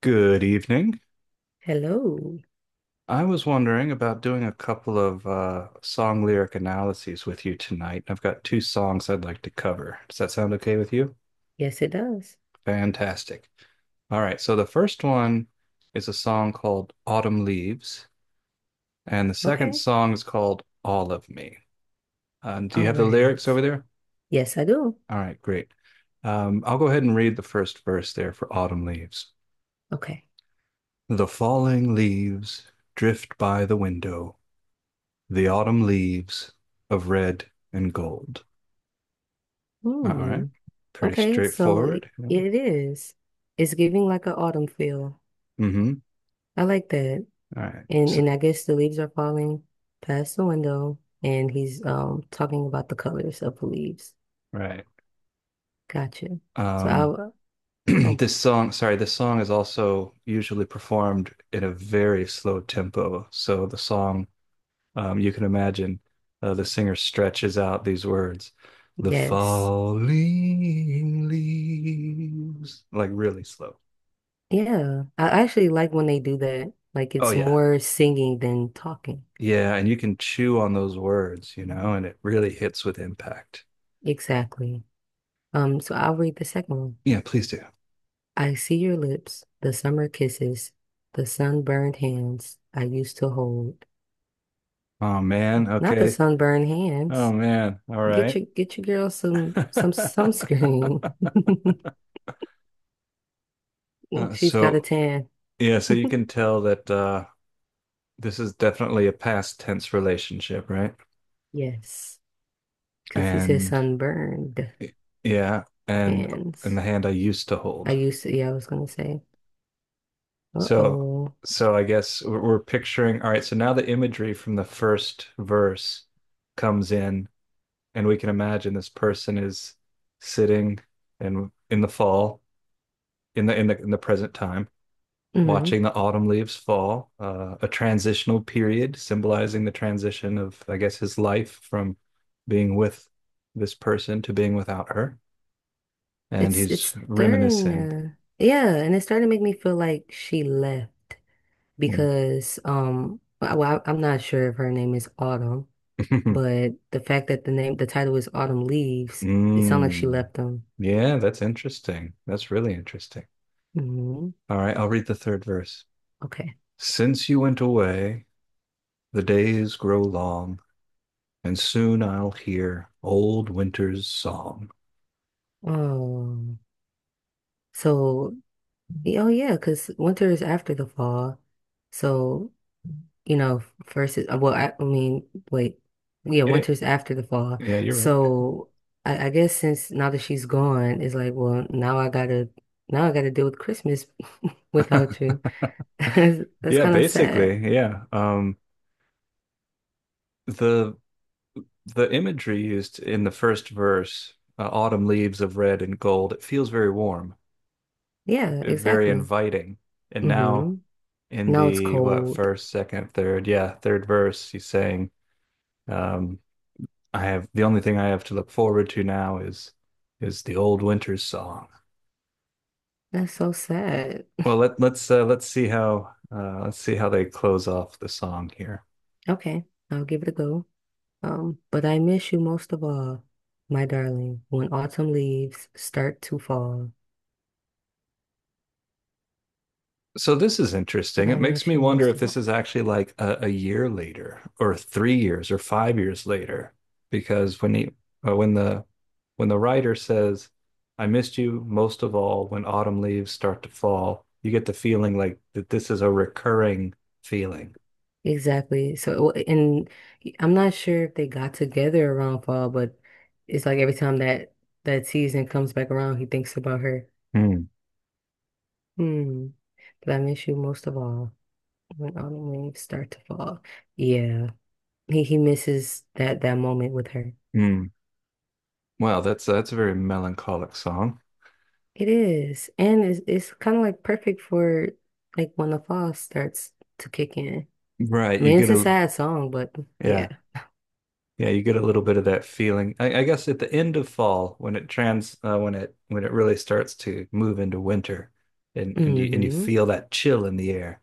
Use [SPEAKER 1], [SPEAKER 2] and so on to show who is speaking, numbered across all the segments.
[SPEAKER 1] Good evening.
[SPEAKER 2] Hello.
[SPEAKER 1] I was wondering about doing a couple of song lyric analyses with you tonight. I've got two songs I'd like to cover. Does that sound okay with you?
[SPEAKER 2] Yes, it does.
[SPEAKER 1] Fantastic. All right, so the first one is a song called Autumn Leaves, and the second
[SPEAKER 2] Okay.
[SPEAKER 1] song is called All of Me. Do you
[SPEAKER 2] All
[SPEAKER 1] have the lyrics over
[SPEAKER 2] right.
[SPEAKER 1] there?
[SPEAKER 2] Yes, I do.
[SPEAKER 1] All right, great. I'll go ahead and read the first verse there for Autumn Leaves.
[SPEAKER 2] Okay.
[SPEAKER 1] The falling leaves drift by the window. The Autumn Leaves of Red and Gold. All right.
[SPEAKER 2] Hmm.
[SPEAKER 1] Pretty
[SPEAKER 2] Okay. So it,
[SPEAKER 1] straightforward. Yeah.
[SPEAKER 2] it is. It's giving like an autumn feel.
[SPEAKER 1] Mm-hmm.
[SPEAKER 2] I like that.
[SPEAKER 1] All right.
[SPEAKER 2] And
[SPEAKER 1] So,
[SPEAKER 2] I guess the leaves are falling past the window, and he's talking about the colors of the leaves.
[SPEAKER 1] right.
[SPEAKER 2] Gotcha. So
[SPEAKER 1] Um,
[SPEAKER 2] I. Oh
[SPEAKER 1] this song, sorry, this song is also usually performed in a very slow tempo. So the song, you can imagine, the singer stretches out these words, the
[SPEAKER 2] yes.
[SPEAKER 1] falling leaves, like really slow.
[SPEAKER 2] Yeah, I actually like when they do that. Like
[SPEAKER 1] Oh
[SPEAKER 2] it's
[SPEAKER 1] yeah,
[SPEAKER 2] more singing than talking.
[SPEAKER 1] yeah, and you can chew on those words, you know, and it really hits with impact.
[SPEAKER 2] Exactly. So I'll read the second one.
[SPEAKER 1] Yeah, please do.
[SPEAKER 2] I see your lips, the summer kisses, the sunburned hands I used to hold.
[SPEAKER 1] Oh man,
[SPEAKER 2] Not the
[SPEAKER 1] okay.
[SPEAKER 2] sunburned
[SPEAKER 1] Oh
[SPEAKER 2] hands.
[SPEAKER 1] man, all
[SPEAKER 2] Get
[SPEAKER 1] right.
[SPEAKER 2] your get your girl some sunscreen.
[SPEAKER 1] Uh,
[SPEAKER 2] She's got a
[SPEAKER 1] so
[SPEAKER 2] tan.
[SPEAKER 1] yeah, so you can tell that this is definitely a past tense relationship, right?
[SPEAKER 2] Yes, because he said
[SPEAKER 1] And
[SPEAKER 2] sunburned
[SPEAKER 1] y- yeah, and the
[SPEAKER 2] hands.
[SPEAKER 1] hand I used to
[SPEAKER 2] I
[SPEAKER 1] hold.
[SPEAKER 2] used to, yeah, I was gonna say,
[SPEAKER 1] So
[SPEAKER 2] uh-oh.
[SPEAKER 1] I guess we're picturing, all right, so now the imagery from the first verse comes in and we can imagine this person is sitting and in the fall in the present time
[SPEAKER 2] Hmm.
[SPEAKER 1] watching the autumn leaves fall, a transitional period symbolizing the transition of, I guess, his life from being with this person to being without her. And
[SPEAKER 2] It's
[SPEAKER 1] he's
[SPEAKER 2] it's starting
[SPEAKER 1] reminiscing.
[SPEAKER 2] to, yeah, and it's starting to make me feel like she left because well, I'm not sure if her name is Autumn. But the fact that the name, the title is Autumn Leaves, it sounds like she
[SPEAKER 1] Mm.
[SPEAKER 2] left them.
[SPEAKER 1] Yeah, that's interesting. That's really interesting.
[SPEAKER 2] Hmm.
[SPEAKER 1] All right, I'll read the third verse.
[SPEAKER 2] Okay.
[SPEAKER 1] Since you went away, the days grow long, and soon I'll hear old winter's song.
[SPEAKER 2] Oh, so, oh yeah, because winter is after the fall. So, you know, first is, well, I mean, wait, yeah,
[SPEAKER 1] Yeah,
[SPEAKER 2] winter's after the fall.
[SPEAKER 1] yeah, you're
[SPEAKER 2] So I guess since now that she's gone, it's like, well, now I gotta deal with Christmas
[SPEAKER 1] right.
[SPEAKER 2] without you. That's
[SPEAKER 1] Yeah,
[SPEAKER 2] kind of
[SPEAKER 1] basically,
[SPEAKER 2] sad.
[SPEAKER 1] yeah. The the imagery used in the first verse, autumn leaves of red and gold, it feels very warm,
[SPEAKER 2] Yeah,
[SPEAKER 1] eh, very
[SPEAKER 2] exactly.
[SPEAKER 1] inviting. And now
[SPEAKER 2] Hmm.
[SPEAKER 1] in
[SPEAKER 2] Now it's
[SPEAKER 1] the what
[SPEAKER 2] cold.
[SPEAKER 1] first, second, third, yeah, third verse, he's saying, um, I have the only thing I have to look forward to now is the old winter's song.
[SPEAKER 2] That's so sad.
[SPEAKER 1] Well, let's see how they close off the song here.
[SPEAKER 2] Okay, I'll give it a go. But I miss you most of all, my darling, when autumn leaves start to fall.
[SPEAKER 1] So this is
[SPEAKER 2] But
[SPEAKER 1] interesting.
[SPEAKER 2] I
[SPEAKER 1] It makes
[SPEAKER 2] miss
[SPEAKER 1] me
[SPEAKER 2] you
[SPEAKER 1] wonder
[SPEAKER 2] most
[SPEAKER 1] if
[SPEAKER 2] of
[SPEAKER 1] this
[SPEAKER 2] all.
[SPEAKER 1] is actually like a year later, or 3 years, or 5 years later, because when he, uh, when the, when the writer says, "I missed you most of all when autumn leaves start to fall," you get the feeling like that this is a recurring feeling.
[SPEAKER 2] Exactly. So, it wa- and I'm not sure if they got together around fall, but it's like every time that that season comes back around, he thinks about her.
[SPEAKER 1] Hmm.
[SPEAKER 2] Hmm. But I miss you most of all when autumn leaves start to fall. Yeah, he misses that moment with her.
[SPEAKER 1] Hmm. Wow, that's a very melancholic song.
[SPEAKER 2] It is. And it's kind of like perfect for like when the fall starts to kick in.
[SPEAKER 1] Right,
[SPEAKER 2] I
[SPEAKER 1] you
[SPEAKER 2] mean, it's
[SPEAKER 1] get
[SPEAKER 2] a
[SPEAKER 1] a
[SPEAKER 2] sad song, but yeah.
[SPEAKER 1] yeah. Yeah, you get a little bit of that feeling. I guess at the end of fall, when it when it when it really starts to move into winter, and you and you
[SPEAKER 2] Hmm.
[SPEAKER 1] feel that chill in the air.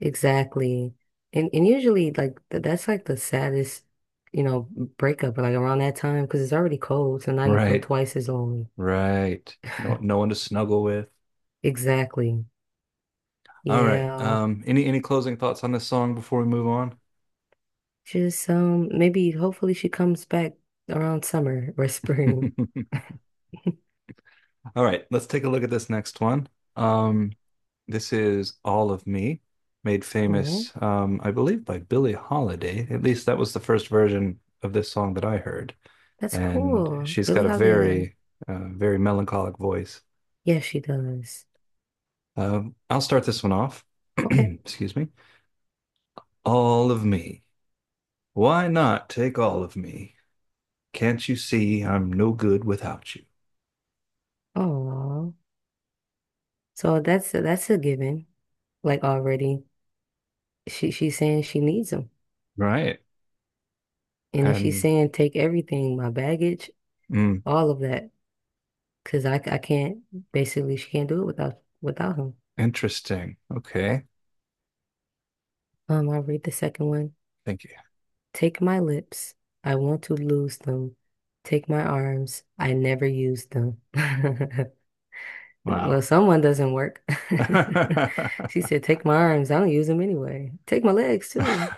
[SPEAKER 2] Exactly. And usually like th that's like the saddest, you know, breakup like around that time because it's already cold, so now you feel
[SPEAKER 1] Right,
[SPEAKER 2] twice as lonely.
[SPEAKER 1] right. No, no one to snuggle with.
[SPEAKER 2] Exactly.
[SPEAKER 1] All right.
[SPEAKER 2] Yeah.
[SPEAKER 1] Any closing thoughts on this song before we move on?
[SPEAKER 2] Just maybe hopefully she comes back around summer or spring.
[SPEAKER 1] All right, let's take a look at this next one. Um, this is All of Me, made
[SPEAKER 2] All right.
[SPEAKER 1] famous, I believe, by Billie Holiday. At least that was the first version of this song that I heard.
[SPEAKER 2] That's
[SPEAKER 1] And
[SPEAKER 2] cool.
[SPEAKER 1] she's
[SPEAKER 2] Billie
[SPEAKER 1] got a
[SPEAKER 2] Holiday.
[SPEAKER 1] very, very melancholic voice.
[SPEAKER 2] Yes, she does.
[SPEAKER 1] Uh, I'll start this one off.
[SPEAKER 2] Okay.
[SPEAKER 1] Excuse me. All of me. Why not take all of me? Can't you see I'm no good without you?
[SPEAKER 2] Oh, so that's a given. Like already, she's saying she needs him,
[SPEAKER 1] Right.
[SPEAKER 2] and then she's
[SPEAKER 1] And
[SPEAKER 2] saying take everything, my baggage,
[SPEAKER 1] mm,
[SPEAKER 2] all of that, because I can't basically she can't do it without him.
[SPEAKER 1] interesting. Okay.
[SPEAKER 2] I'll read the second one.
[SPEAKER 1] Thank you.
[SPEAKER 2] Take my lips, I want to lose them. Take my arms, I never use them. Well,
[SPEAKER 1] Wow.
[SPEAKER 2] someone doesn't work. She said, take my arms, I don't use them anyway. Take my legs too.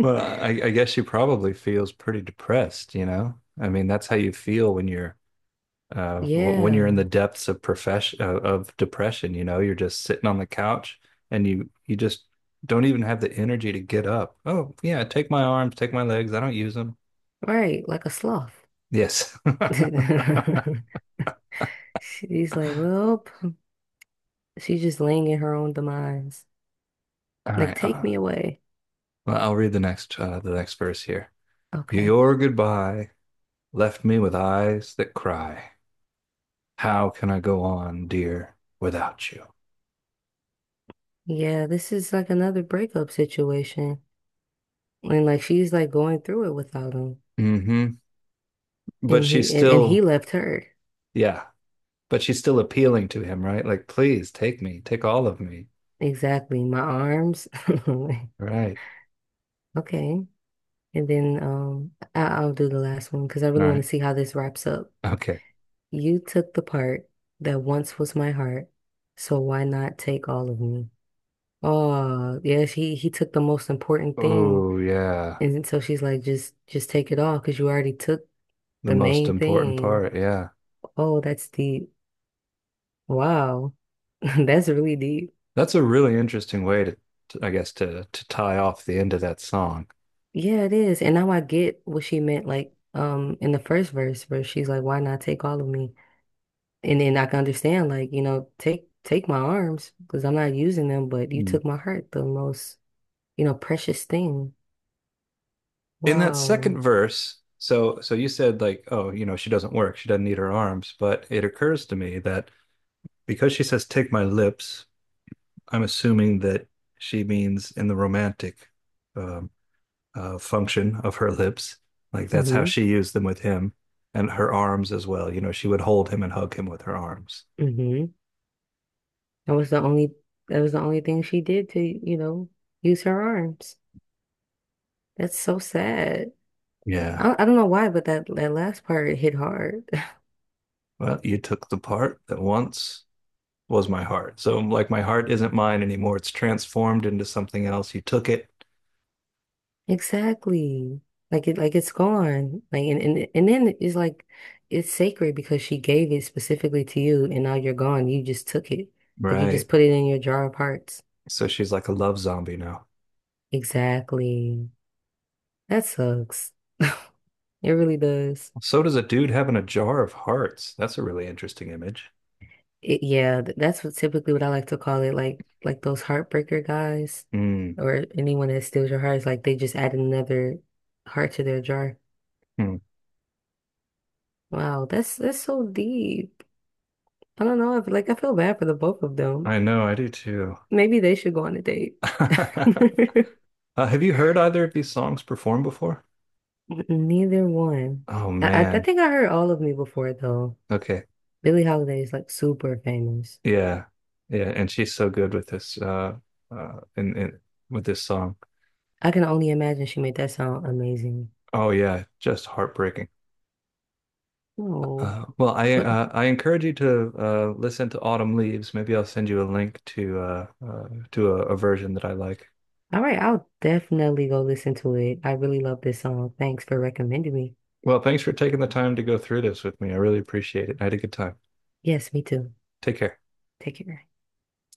[SPEAKER 1] Well, I guess she probably feels pretty depressed, you know? I mean, that's how you feel when you're when you're in the
[SPEAKER 2] Yeah,
[SPEAKER 1] depths of profession of depression, you know, you're just sitting on the couch and you just don't even have the energy to get up. Oh, yeah, take my arms, take my legs. I don't use them.
[SPEAKER 2] right, like a sloth.
[SPEAKER 1] Yes. All
[SPEAKER 2] She's like, well, she's just laying in her own demise. Like,
[SPEAKER 1] right.
[SPEAKER 2] take me away.
[SPEAKER 1] Well, I'll read the next verse here.
[SPEAKER 2] Okay.
[SPEAKER 1] Your goodbye left me with eyes that cry. How can I go on, dear, without you?
[SPEAKER 2] Yeah, this is like another breakup situation. And like she's like going through it without him.
[SPEAKER 1] Hmm. But
[SPEAKER 2] And he
[SPEAKER 1] she's
[SPEAKER 2] and, and he
[SPEAKER 1] still,
[SPEAKER 2] left her.
[SPEAKER 1] yeah, but she's still appealing to him, right? Like, please take me, take all of me.
[SPEAKER 2] Exactly. My arms.
[SPEAKER 1] Right.
[SPEAKER 2] Okay. And then I'll do the last one because I
[SPEAKER 1] All
[SPEAKER 2] really want
[SPEAKER 1] right.
[SPEAKER 2] to see how this wraps up.
[SPEAKER 1] Okay.
[SPEAKER 2] You took the part that once was my heart, so why not take all of me? Oh, yeah, he took the most important thing.
[SPEAKER 1] Oh, yeah.
[SPEAKER 2] And then so she's like, just take it all because you already took
[SPEAKER 1] The
[SPEAKER 2] the
[SPEAKER 1] most
[SPEAKER 2] main
[SPEAKER 1] important
[SPEAKER 2] thing.
[SPEAKER 1] part. Yeah.
[SPEAKER 2] Oh, that's deep. Wow. That's really deep.
[SPEAKER 1] That's a really interesting way to- I guess, to tie off the end of that song.
[SPEAKER 2] Yeah, it is. And now I get what she meant, like, in the first verse where she's like, why not take all of me? And then I can understand, like, you know, take my arms because I'm not using them, but you
[SPEAKER 1] Mm.
[SPEAKER 2] took my heart, the most, you know, precious thing.
[SPEAKER 1] In that second
[SPEAKER 2] Wow.
[SPEAKER 1] verse, so you said like, oh, you know, she doesn't work. She doesn't need her arms, but it occurs to me that because she says take my lips, I'm assuming that she means in the romantic um, function of her lips. Like that's how she used them with him and her arms as well. You know, she would hold him and hug him with her arms.
[SPEAKER 2] Mm-hmm. That was the only that was the only thing she did to, you know, use her arms. That's so sad. I
[SPEAKER 1] Yeah.
[SPEAKER 2] don't, I don't know why, but that last part hit hard.
[SPEAKER 1] Well, you took the part that once was my heart. So, like, my heart isn't mine anymore. It's transformed into something else. You took it.
[SPEAKER 2] Exactly. Like it's gone. And then it's like it's sacred because she gave it specifically to you and now you're gone. You just took it. Like you
[SPEAKER 1] Right.
[SPEAKER 2] just put it in your jar of hearts.
[SPEAKER 1] So she's like a love zombie now.
[SPEAKER 2] Exactly. That sucks. It really does.
[SPEAKER 1] So does a dude having a jar of hearts. That's a really interesting image.
[SPEAKER 2] It, yeah, that's what typically what I like to call it, like those heartbreaker guys
[SPEAKER 1] Mm,
[SPEAKER 2] or anyone that steals your heart is like they just add another heart to their jar.
[SPEAKER 1] mm.
[SPEAKER 2] Wow, that's so deep. I don't know, I feel like I feel bad for the both of them.
[SPEAKER 1] I know, I do too.
[SPEAKER 2] Maybe they should go on a date.
[SPEAKER 1] Have you heard either of these songs performed before?
[SPEAKER 2] Neither one.
[SPEAKER 1] Oh
[SPEAKER 2] I
[SPEAKER 1] man.
[SPEAKER 2] think I heard all of me before though.
[SPEAKER 1] Okay.
[SPEAKER 2] Billie Holiday is like super famous.
[SPEAKER 1] Yeah. Yeah, and she's so good with this in with this song.
[SPEAKER 2] I can only imagine she made that sound amazing.
[SPEAKER 1] Oh yeah, just heartbreaking.
[SPEAKER 2] Oh.
[SPEAKER 1] Well,
[SPEAKER 2] What.
[SPEAKER 1] I encourage you to listen to Autumn Leaves. Maybe I'll send you a link to a version that I like.
[SPEAKER 2] All right, I'll definitely go listen to it. I really love this song. Thanks for recommending me.
[SPEAKER 1] Well, thanks for taking the time to go through this with me. I really appreciate it. I had a good time.
[SPEAKER 2] Yes, me too.
[SPEAKER 1] Take care.
[SPEAKER 2] Take care.